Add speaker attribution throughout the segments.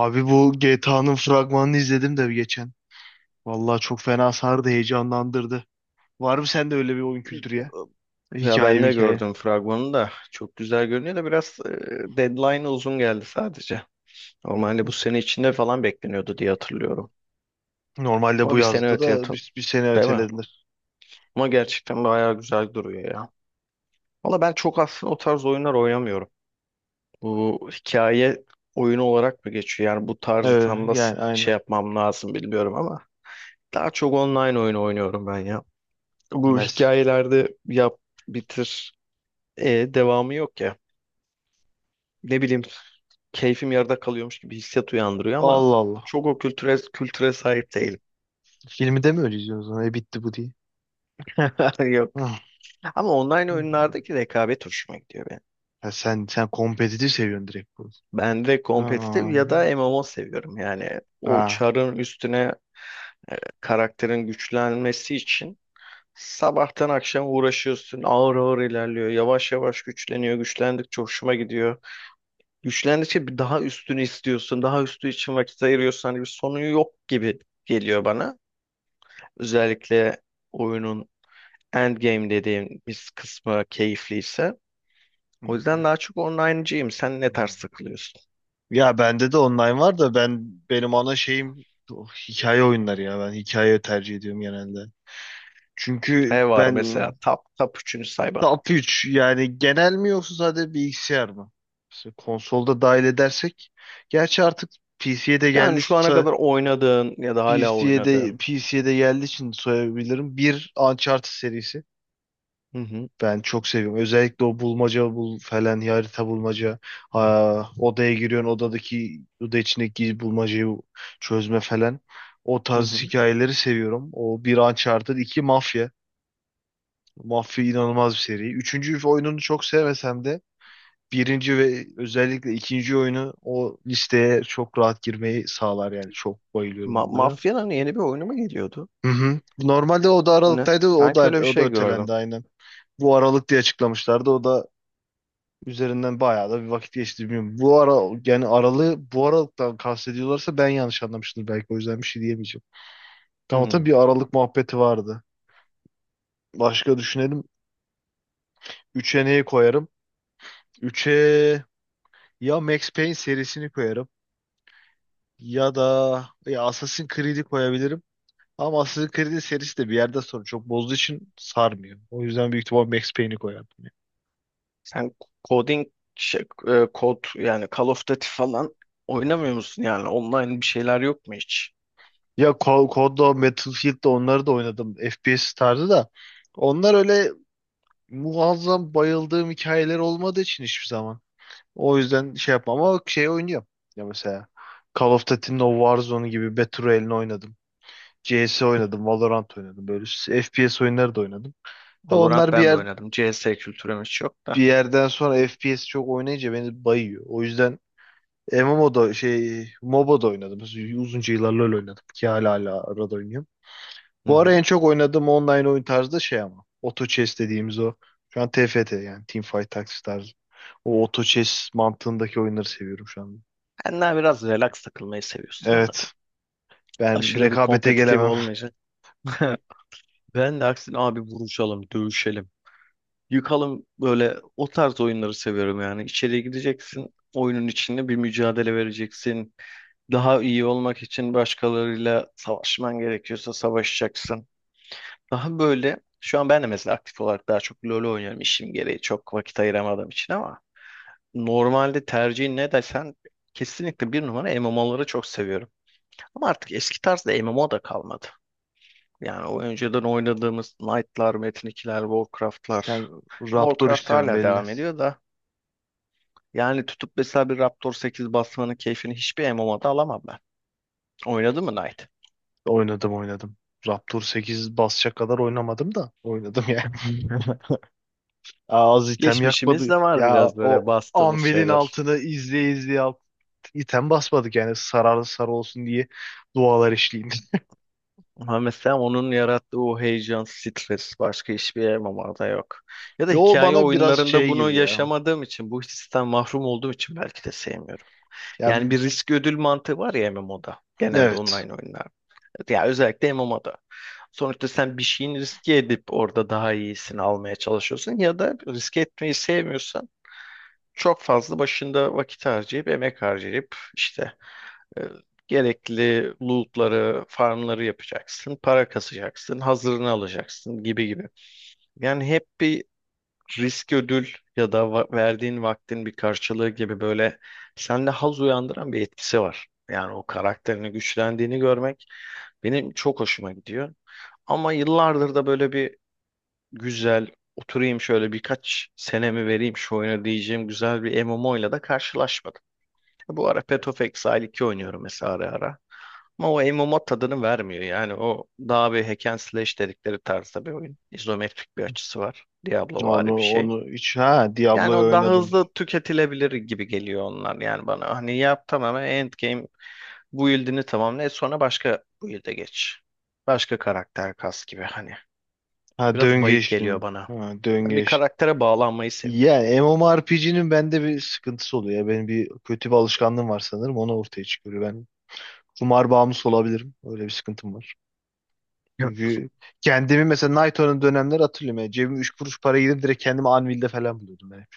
Speaker 1: Abi bu GTA'nın fragmanını izledim de geçen. Vallahi çok fena sardı, heyecanlandırdı. Var mı sende öyle bir oyun kültürü ya?
Speaker 2: Ya
Speaker 1: Hikaye
Speaker 2: ben
Speaker 1: mi
Speaker 2: de
Speaker 1: hikaye?
Speaker 2: gördüm fragmanı da çok güzel görünüyor da biraz deadline uzun geldi sadece. Normalde bu sene içinde falan bekleniyordu diye hatırlıyorum.
Speaker 1: Normalde
Speaker 2: Ama
Speaker 1: bu
Speaker 2: bir sene
Speaker 1: yazdı
Speaker 2: öteye
Speaker 1: da
Speaker 2: atıl
Speaker 1: bir sene
Speaker 2: değil mi?
Speaker 1: ötelediler.
Speaker 2: Ama gerçekten bayağı güzel duruyor ya. Valla ben çok aslında o tarz oyunlar oynamıyorum. Bu hikaye oyunu olarak mı geçiyor? Yani bu tarzı
Speaker 1: Evet
Speaker 2: tam nasıl
Speaker 1: yani
Speaker 2: şey
Speaker 1: aynen.
Speaker 2: yapmam lazım bilmiyorum ama daha çok online oyun oynuyorum ben ya. Bu
Speaker 1: Mes.
Speaker 2: hikayelerde yap bitir devamı yok ya. Ne bileyim keyfim yarıda kalıyormuş gibi hissiyat uyandırıyor ama
Speaker 1: Allah Allah.
Speaker 2: çok o kültüre sahip değilim.
Speaker 1: Filmi de mi öyle izliyorsun? O zaman? E bitti bu diye.
Speaker 2: Yok.
Speaker 1: Hı.
Speaker 2: Ama online
Speaker 1: Hı.
Speaker 2: oyunlardaki rekabet hoşuma gidiyor benim.
Speaker 1: Ya sen kompetitif seviyorsun direkt bu.
Speaker 2: Ben de kompetitif
Speaker 1: Aa.
Speaker 2: ya da MMO seviyorum. Yani o
Speaker 1: Ha.
Speaker 2: çarın üstüne e, karakterin güçlenmesi için sabahtan akşam uğraşıyorsun. Ağır ağır ilerliyor. Yavaş yavaş güçleniyor. Güçlendikçe hoşuma gidiyor. Güçlendikçe bir daha üstünü istiyorsun. Daha üstü için vakit ayırıyorsun. Hani bir sonu yok gibi geliyor bana. Özellikle oyunun Endgame dediğim bir kısmı keyifliyse.
Speaker 1: Hı.
Speaker 2: O yüzden daha çok online'cıyım. Sen ne tarz takılıyorsun?
Speaker 1: Ya bende de online var da ben benim ana şeyim oh, hikaye oyunları ya. Ben hikaye tercih ediyorum genelde. Çünkü
Speaker 2: Ne var mesela?
Speaker 1: ben
Speaker 2: Top üçünü say bana.
Speaker 1: top 3 yani genel mi yoksa sadece bilgisayar mı? Mesela konsolda dahil edersek. Gerçi artık PC'ye de geldi
Speaker 2: Yani şu ana kadar oynadığın ya da hala
Speaker 1: PC'ye de
Speaker 2: oynadığın.
Speaker 1: PC'ye de geldiği için söyleyebilirim. Bir Uncharted serisi.
Speaker 2: Hı hı,
Speaker 1: Ben çok seviyorum. Özellikle o bulmaca bul falan harita bulmaca. Ha, odaya giriyorsun odadaki oda içindeki bulmacayı çözme falan. O
Speaker 2: hı
Speaker 1: tarz
Speaker 2: hı.
Speaker 1: hikayeleri seviyorum. O bir Uncharted, iki Mafya. Mafya inanılmaz bir seri. Üçüncü oyununu çok sevmesem de birinci ve özellikle ikinci oyunu o listeye çok rahat girmeyi sağlar yani. Çok bayılıyorum bunlara.
Speaker 2: Mafya'nın yeni bir oyunu mu geliyordu?
Speaker 1: Hı hı. Normalde o da
Speaker 2: Ne?
Speaker 1: Aralık'taydı. O
Speaker 2: Sanki
Speaker 1: da,
Speaker 2: öyle bir
Speaker 1: o da
Speaker 2: şey
Speaker 1: ötelendi
Speaker 2: gördüm.
Speaker 1: aynen. Bu Aralık diye açıklamışlardı. O da üzerinden bayağı da bir vakit geçti, bilmiyorum. Bu ara yani aralığı bu aralıktan kastediyorlarsa ben yanlış anlamıştır belki, o yüzden bir şey diyemeyeceğim.
Speaker 2: Hı
Speaker 1: Tamam
Speaker 2: hı.
Speaker 1: tabii bir aralık muhabbeti vardı. Başka düşünelim. Üç'e neyi koyarım? Üçe ya Max Payne serisini koyarım ya da ya Assassin's Creed'i koyabilirim. Ama Assassin's Creed'in serisi de bir yerden sonra çok bozduğu için sarmıyor. O yüzden büyük ihtimal Max Payne'i koyardım.
Speaker 2: Sen coding, kod yani Call of Duty falan oynamıyor musun yani? Online bir şeyler yok mu hiç?
Speaker 1: COD'da, Battlefield'da onları da oynadım. FPS tarzı da. Onlar öyle muazzam bayıldığım hikayeler olmadığı için hiçbir zaman. O yüzden şey yapmam ama şey oynuyorum. Ya mesela Call of Duty'nin o Warzone gibi Battle Royale'ini oynadım. CS oynadım, Valorant oynadım. Böyle FPS oyunları da oynadım. Da
Speaker 2: Valorant
Speaker 1: onlar
Speaker 2: ben de oynadım. CS kültürümüz çok
Speaker 1: bir
Speaker 2: da.
Speaker 1: yerden sonra FPS çok oynayınca beni bayıyor. O yüzden MMO'da şey MOBA'da oynadım. Uzunca yıllar LoL oynadım ki hala arada oynuyorum.
Speaker 2: Hı
Speaker 1: Bu
Speaker 2: hı.
Speaker 1: ara en çok oynadığım online oyun tarzı da şey ama. Auto Chess dediğimiz o. Şu an TFT yani Teamfight Tactics tarzı. O Auto Chess mantığındaki oyunları seviyorum şu an.
Speaker 2: Ben daha biraz relax takılmayı seviyorsun anladım.
Speaker 1: Evet. Ben
Speaker 2: Aşırı bir
Speaker 1: rekabete
Speaker 2: kompetitif
Speaker 1: gelemem.
Speaker 2: olmayacak. Ben de aksine abi vuruşalım, dövüşelim. Yıkalım böyle o tarz oyunları seviyorum yani. İçeriye gideceksin, oyunun içinde bir mücadele vereceksin. Daha iyi olmak için başkalarıyla savaşman gerekiyorsa savaşacaksın. Daha böyle şu an ben de mesela aktif olarak daha çok LoL oynuyorum işim gereği çok vakit ayıramadığım için ama normalde tercihin ne desen kesinlikle bir numara MMO'ları çok seviyorum. Ama artık eski tarzda MMO da kalmadı. Yani o önceden oynadığımız Knight'lar, Metin 2'ler, Warcraft'lar.
Speaker 1: Sen Raptor
Speaker 2: Warcraft
Speaker 1: istiyorsun
Speaker 2: hala
Speaker 1: belli.
Speaker 2: devam ediyor da yani tutup mesela bir Raptor 8 basmanın keyfini hiçbir MMO'da alamam ben. Oynadın mı Knight?
Speaker 1: Oynadım, oynadım. Raptor 8 basacak kadar oynamadım da oynadım yani. Aa, az item
Speaker 2: Geçmişimiz
Speaker 1: yakmadı.
Speaker 2: de var
Speaker 1: Ya
Speaker 2: biraz böyle
Speaker 1: o
Speaker 2: bastığımız
Speaker 1: Anvil'in
Speaker 2: şeyler.
Speaker 1: altını izleye izleye item basmadık yani sararlı sarı olsun diye dualar işleyeyim.
Speaker 2: Ha mesela onun yarattığı o heyecan, stres başka hiçbir elemanda yok. Ya da
Speaker 1: Yo
Speaker 2: hikaye
Speaker 1: bana biraz
Speaker 2: oyunlarında
Speaker 1: şey
Speaker 2: bunu
Speaker 1: gibi ya.
Speaker 2: yaşamadığım için, bu histen mahrum olduğum için belki de sevmiyorum.
Speaker 1: Ya
Speaker 2: Yani
Speaker 1: b-
Speaker 2: bir risk ödül mantığı var ya MMO'da. Genelde
Speaker 1: evet.
Speaker 2: online oyunlar. Ya özellikle MMO'da. Sonuçta sen bir şeyin riske edip orada daha iyisini almaya çalışıyorsun ya da riske etmeyi sevmiyorsan çok fazla başında vakit harcayıp emek harcayıp işte e, gerekli lootları, farmları yapacaksın, para kasacaksın, hazırını alacaksın gibi gibi. Yani hep bir risk ödül ya da verdiğin vaktin bir karşılığı gibi böyle sende haz uyandıran bir etkisi var. Yani o karakterini güçlendiğini görmek benim çok hoşuma gidiyor. Ama yıllardır da böyle bir güzel oturayım şöyle birkaç senemi vereyim şu oyuna diyeceğim güzel bir MMO ile de karşılaşmadım. Bu ara Path of Exile 2 oynuyorum mesela ara ara. Ama o MMO tadını vermiyor. Yani o daha bir hack and slash dedikleri tarzda bir oyun. İzometrik bir açısı var. Diablovari
Speaker 1: Onu
Speaker 2: bir şey.
Speaker 1: onu hiç ha,
Speaker 2: Yani
Speaker 1: Diablo'yu
Speaker 2: o daha
Speaker 1: oynadım.
Speaker 2: hızlı tüketilebilir gibi geliyor onlar yani bana. Hani yap tamamen endgame build'ini tamamla. E sonra başka build'e geç. Başka karakter kas gibi hani.
Speaker 1: Ha
Speaker 2: Biraz bayık geliyor
Speaker 1: döngeçtin.
Speaker 2: bana.
Speaker 1: Ha
Speaker 2: Ben bir
Speaker 1: döngeç.
Speaker 2: karaktere bağlanmayı seviyorum.
Speaker 1: Ya MMORPG'nin bende bir sıkıntısı oluyor. Ya benim bir kötü bir alışkanlığım var sanırım. Onu ortaya çıkıyor. Ben kumar bağımlısı olabilirim. Öyle bir sıkıntım var.
Speaker 2: Ya,
Speaker 1: Çünkü kendimi mesela Nighthawk'ın dönemleri hatırlıyorum. Yani cebim 3 kuruş para gidip direkt kendimi Anvil'de falan buluyordum ben hep.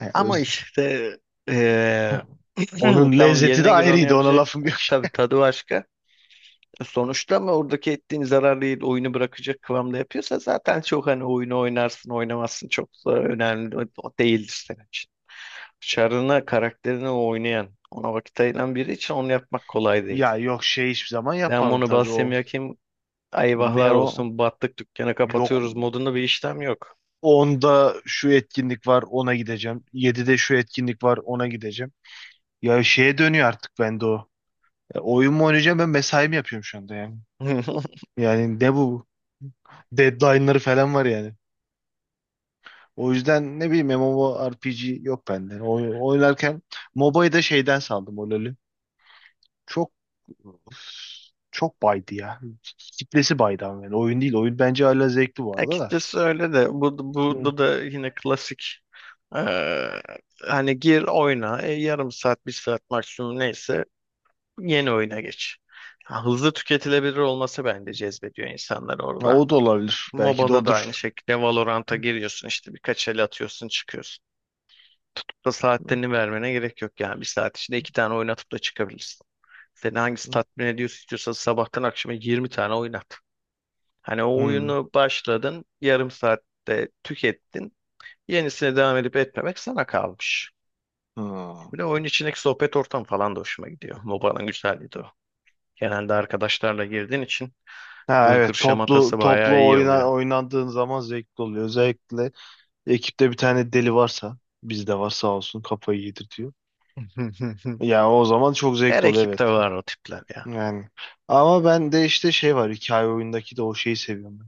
Speaker 1: Yani öyle.
Speaker 2: ama işte eee,
Speaker 1: Onun
Speaker 2: tamam
Speaker 1: lezzeti de
Speaker 2: yerine göre onu
Speaker 1: ayrıydı. Ona lafım
Speaker 2: yapacaksın.
Speaker 1: yok.
Speaker 2: Tabii tadı başka. Sonuçta ama oradaki ettiğin zararlı değil, oyunu bırakacak kıvamda yapıyorsa zaten çok hani oyunu oynarsın oynamazsın çok da önemli değildir senin için. Çarına karakterini oynayan ona vakit ayıran biri için onu yapmak kolay değil.
Speaker 1: Ya yok, şey hiçbir zaman
Speaker 2: Ben
Speaker 1: yapmadım
Speaker 2: bunu
Speaker 1: tabii
Speaker 2: Bassem
Speaker 1: o.
Speaker 2: Yakin
Speaker 1: Ne
Speaker 2: eyvahlar
Speaker 1: o?
Speaker 2: olsun battık dükkanı
Speaker 1: Yok.
Speaker 2: kapatıyoruz modunda bir işlem yok.
Speaker 1: Onda şu etkinlik var ona gideceğim. 7'de şu etkinlik var ona gideceğim. Ya şeye dönüyor artık bende o. Ya oyun mu oynayacağım ben, mesai mi yapıyorum şu anda yani. Yani ne bu? Deadline'ları falan var yani. O yüzden ne bileyim MMORPG yok bende. Oynarken MOBA'yı da şeyden saldım, o LoL'ü. Çok çok baydı ya. Kitlesi baydı ama yani. Oyun değil. Oyun bence hala zevkli bu arada da.
Speaker 2: Açıkçası öyle de
Speaker 1: Hı.
Speaker 2: burada da yine klasik eee, hani gir oyna yarım saat bir saat maksimum neyse yeni oyuna geç. Ha, hızlı tüketilebilir olması bence cezbediyor insanları
Speaker 1: Ya
Speaker 2: orada.
Speaker 1: o da olabilir. Belki de
Speaker 2: MOBA'da da aynı
Speaker 1: odur.
Speaker 2: şekilde Valorant'a
Speaker 1: Hı.
Speaker 2: giriyorsun işte birkaç el atıyorsun çıkıyorsun. Çok da saatlerini vermene gerek yok yani bir saat içinde iki tane oynatıp da çıkabilirsin. Seni hangisi tatmin ediyorsa istiyorsa sabahtan akşama 20 tane oynat. Hani o
Speaker 1: Hı.
Speaker 2: oyunu başladın yarım saatte tükettin yenisine devam edip etmemek sana kalmış.
Speaker 1: Hı.
Speaker 2: Bir de oyun içindeki sohbet ortamı falan da hoşuma gidiyor. MOBA'nın güzelliği de o. Genelde arkadaşlarla girdiğin için
Speaker 1: Ha
Speaker 2: gırgır
Speaker 1: evet, toplu
Speaker 2: şematası bayağı
Speaker 1: toplu
Speaker 2: iyi oluyor.
Speaker 1: oynandığın zaman zevkli oluyor. Özellikle ekipte bir tane deli varsa, bizde var sağ olsun, kafayı yedirtiyor. Yani o zaman çok
Speaker 2: Her
Speaker 1: zevkli oluyor,
Speaker 2: ekipte
Speaker 1: evet.
Speaker 2: var o tipler ya.
Speaker 1: Yani ama ben de işte şey var, hikaye oyundaki de o şeyi seviyorum ben.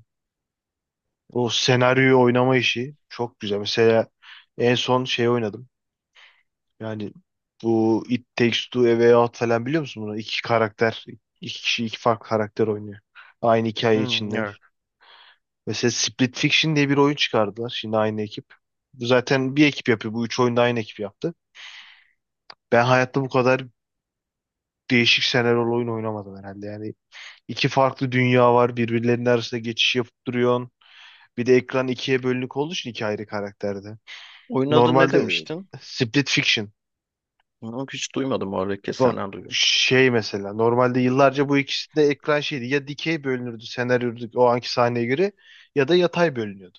Speaker 1: O senaryoyu oynama işi çok güzel. Mesela en son şey oynadım. Yani bu It Takes Two, A Way Out falan, biliyor musun bunu? İki karakter, iki kişi iki farklı karakter oynuyor. Aynı hikaye
Speaker 2: Hmm,
Speaker 1: içinde.
Speaker 2: evet.
Speaker 1: Mesela Split Fiction diye bir oyun çıkardılar. Şimdi aynı ekip. Bu zaten bir ekip yapıyor. Bu üç oyunda aynı ekip yaptı. Ben hayatta bu kadar değişik senaryolu oyun oynamadım herhalde. Yani iki farklı dünya var. Birbirlerinin arasında geçiş yapıp duruyorsun. Bir de ekran ikiye bölünük olduğu için iki ayrı karakterde.
Speaker 2: Oyun adı ne
Speaker 1: Normalde
Speaker 2: demiştin?
Speaker 1: Split Fiction.
Speaker 2: Yok, hiç duymadım oradaki
Speaker 1: Bak
Speaker 2: senden duydum.
Speaker 1: şey mesela normalde yıllarca bu ikisi de ekran şeydi. Ya dikey bölünürdü senaryo o anki sahneye göre, ya da yatay bölünüyordu.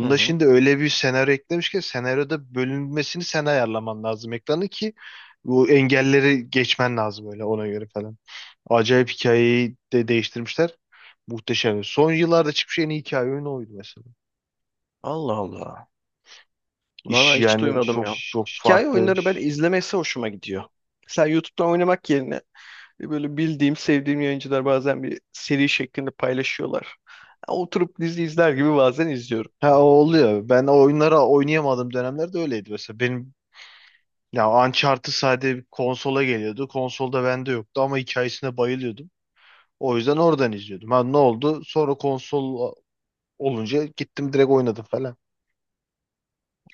Speaker 2: Hı hı.
Speaker 1: şimdi öyle bir senaryo eklemiş ki, senaryoda bölünmesini sen ayarlaman lazım ekranı ki bu engelleri geçmen lazım öyle ona göre falan. Acayip, hikayeyi de değiştirmişler. Muhteşem. Son yıllarda çıkmış en iyi hikaye oyunu oydu mesela.
Speaker 2: Allah Allah. Valla
Speaker 1: İş
Speaker 2: hiç
Speaker 1: yani
Speaker 2: duymadım
Speaker 1: çok
Speaker 2: ya.
Speaker 1: çok
Speaker 2: Hikaye
Speaker 1: farklı.
Speaker 2: oyunları ben izlemesi hoşuma gidiyor. Mesela YouTube'dan oynamak yerine böyle bildiğim, sevdiğim yayıncılar bazen bir seri şeklinde paylaşıyorlar. Oturup dizi izler gibi bazen izliyorum.
Speaker 1: Ha o oluyor. Ben o oyunları oynayamadığım dönemlerde öyleydi mesela. Benim ya Uncharted sadece konsola geliyordu. Konsolda bende yoktu ama hikayesine bayılıyordum. O yüzden oradan izliyordum. Ha, ne oldu? Sonra konsol olunca gittim direkt oynadım falan.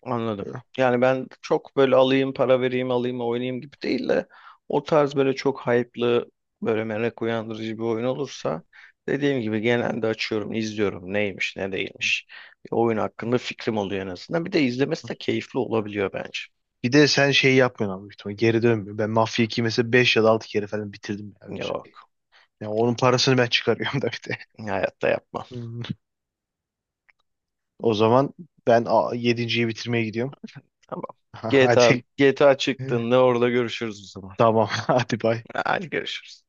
Speaker 2: Anladım. Yani ben çok böyle alayım para vereyim alayım oynayayım gibi değil de o tarz böyle çok hype'lı böyle merak uyandırıcı bir oyun olursa dediğim gibi genelde açıyorum izliyorum neymiş ne değilmiş. Bir oyun hakkında fikrim oluyor en azından. Bir de izlemesi de keyifli olabiliyor bence.
Speaker 1: Bir de sen şey yapmıyorsun abi büyük ihtimalle. Geri dönmüyor. Ben Mafia 2'yi mesela 5 ya da 6 kere falan bitirdim. Yani öyle,
Speaker 2: Yok
Speaker 1: onun parasını ben çıkarıyorum da bir de.
Speaker 2: hayatta yapmam.
Speaker 1: Hmm. O zaman ben yedinciyi bitirmeye gidiyorum.
Speaker 2: Tamam. GTA,
Speaker 1: Hadi.
Speaker 2: GTA çıktığında orada görüşürüz o zaman.
Speaker 1: Tamam. Hadi bay.
Speaker 2: Hadi görüşürüz.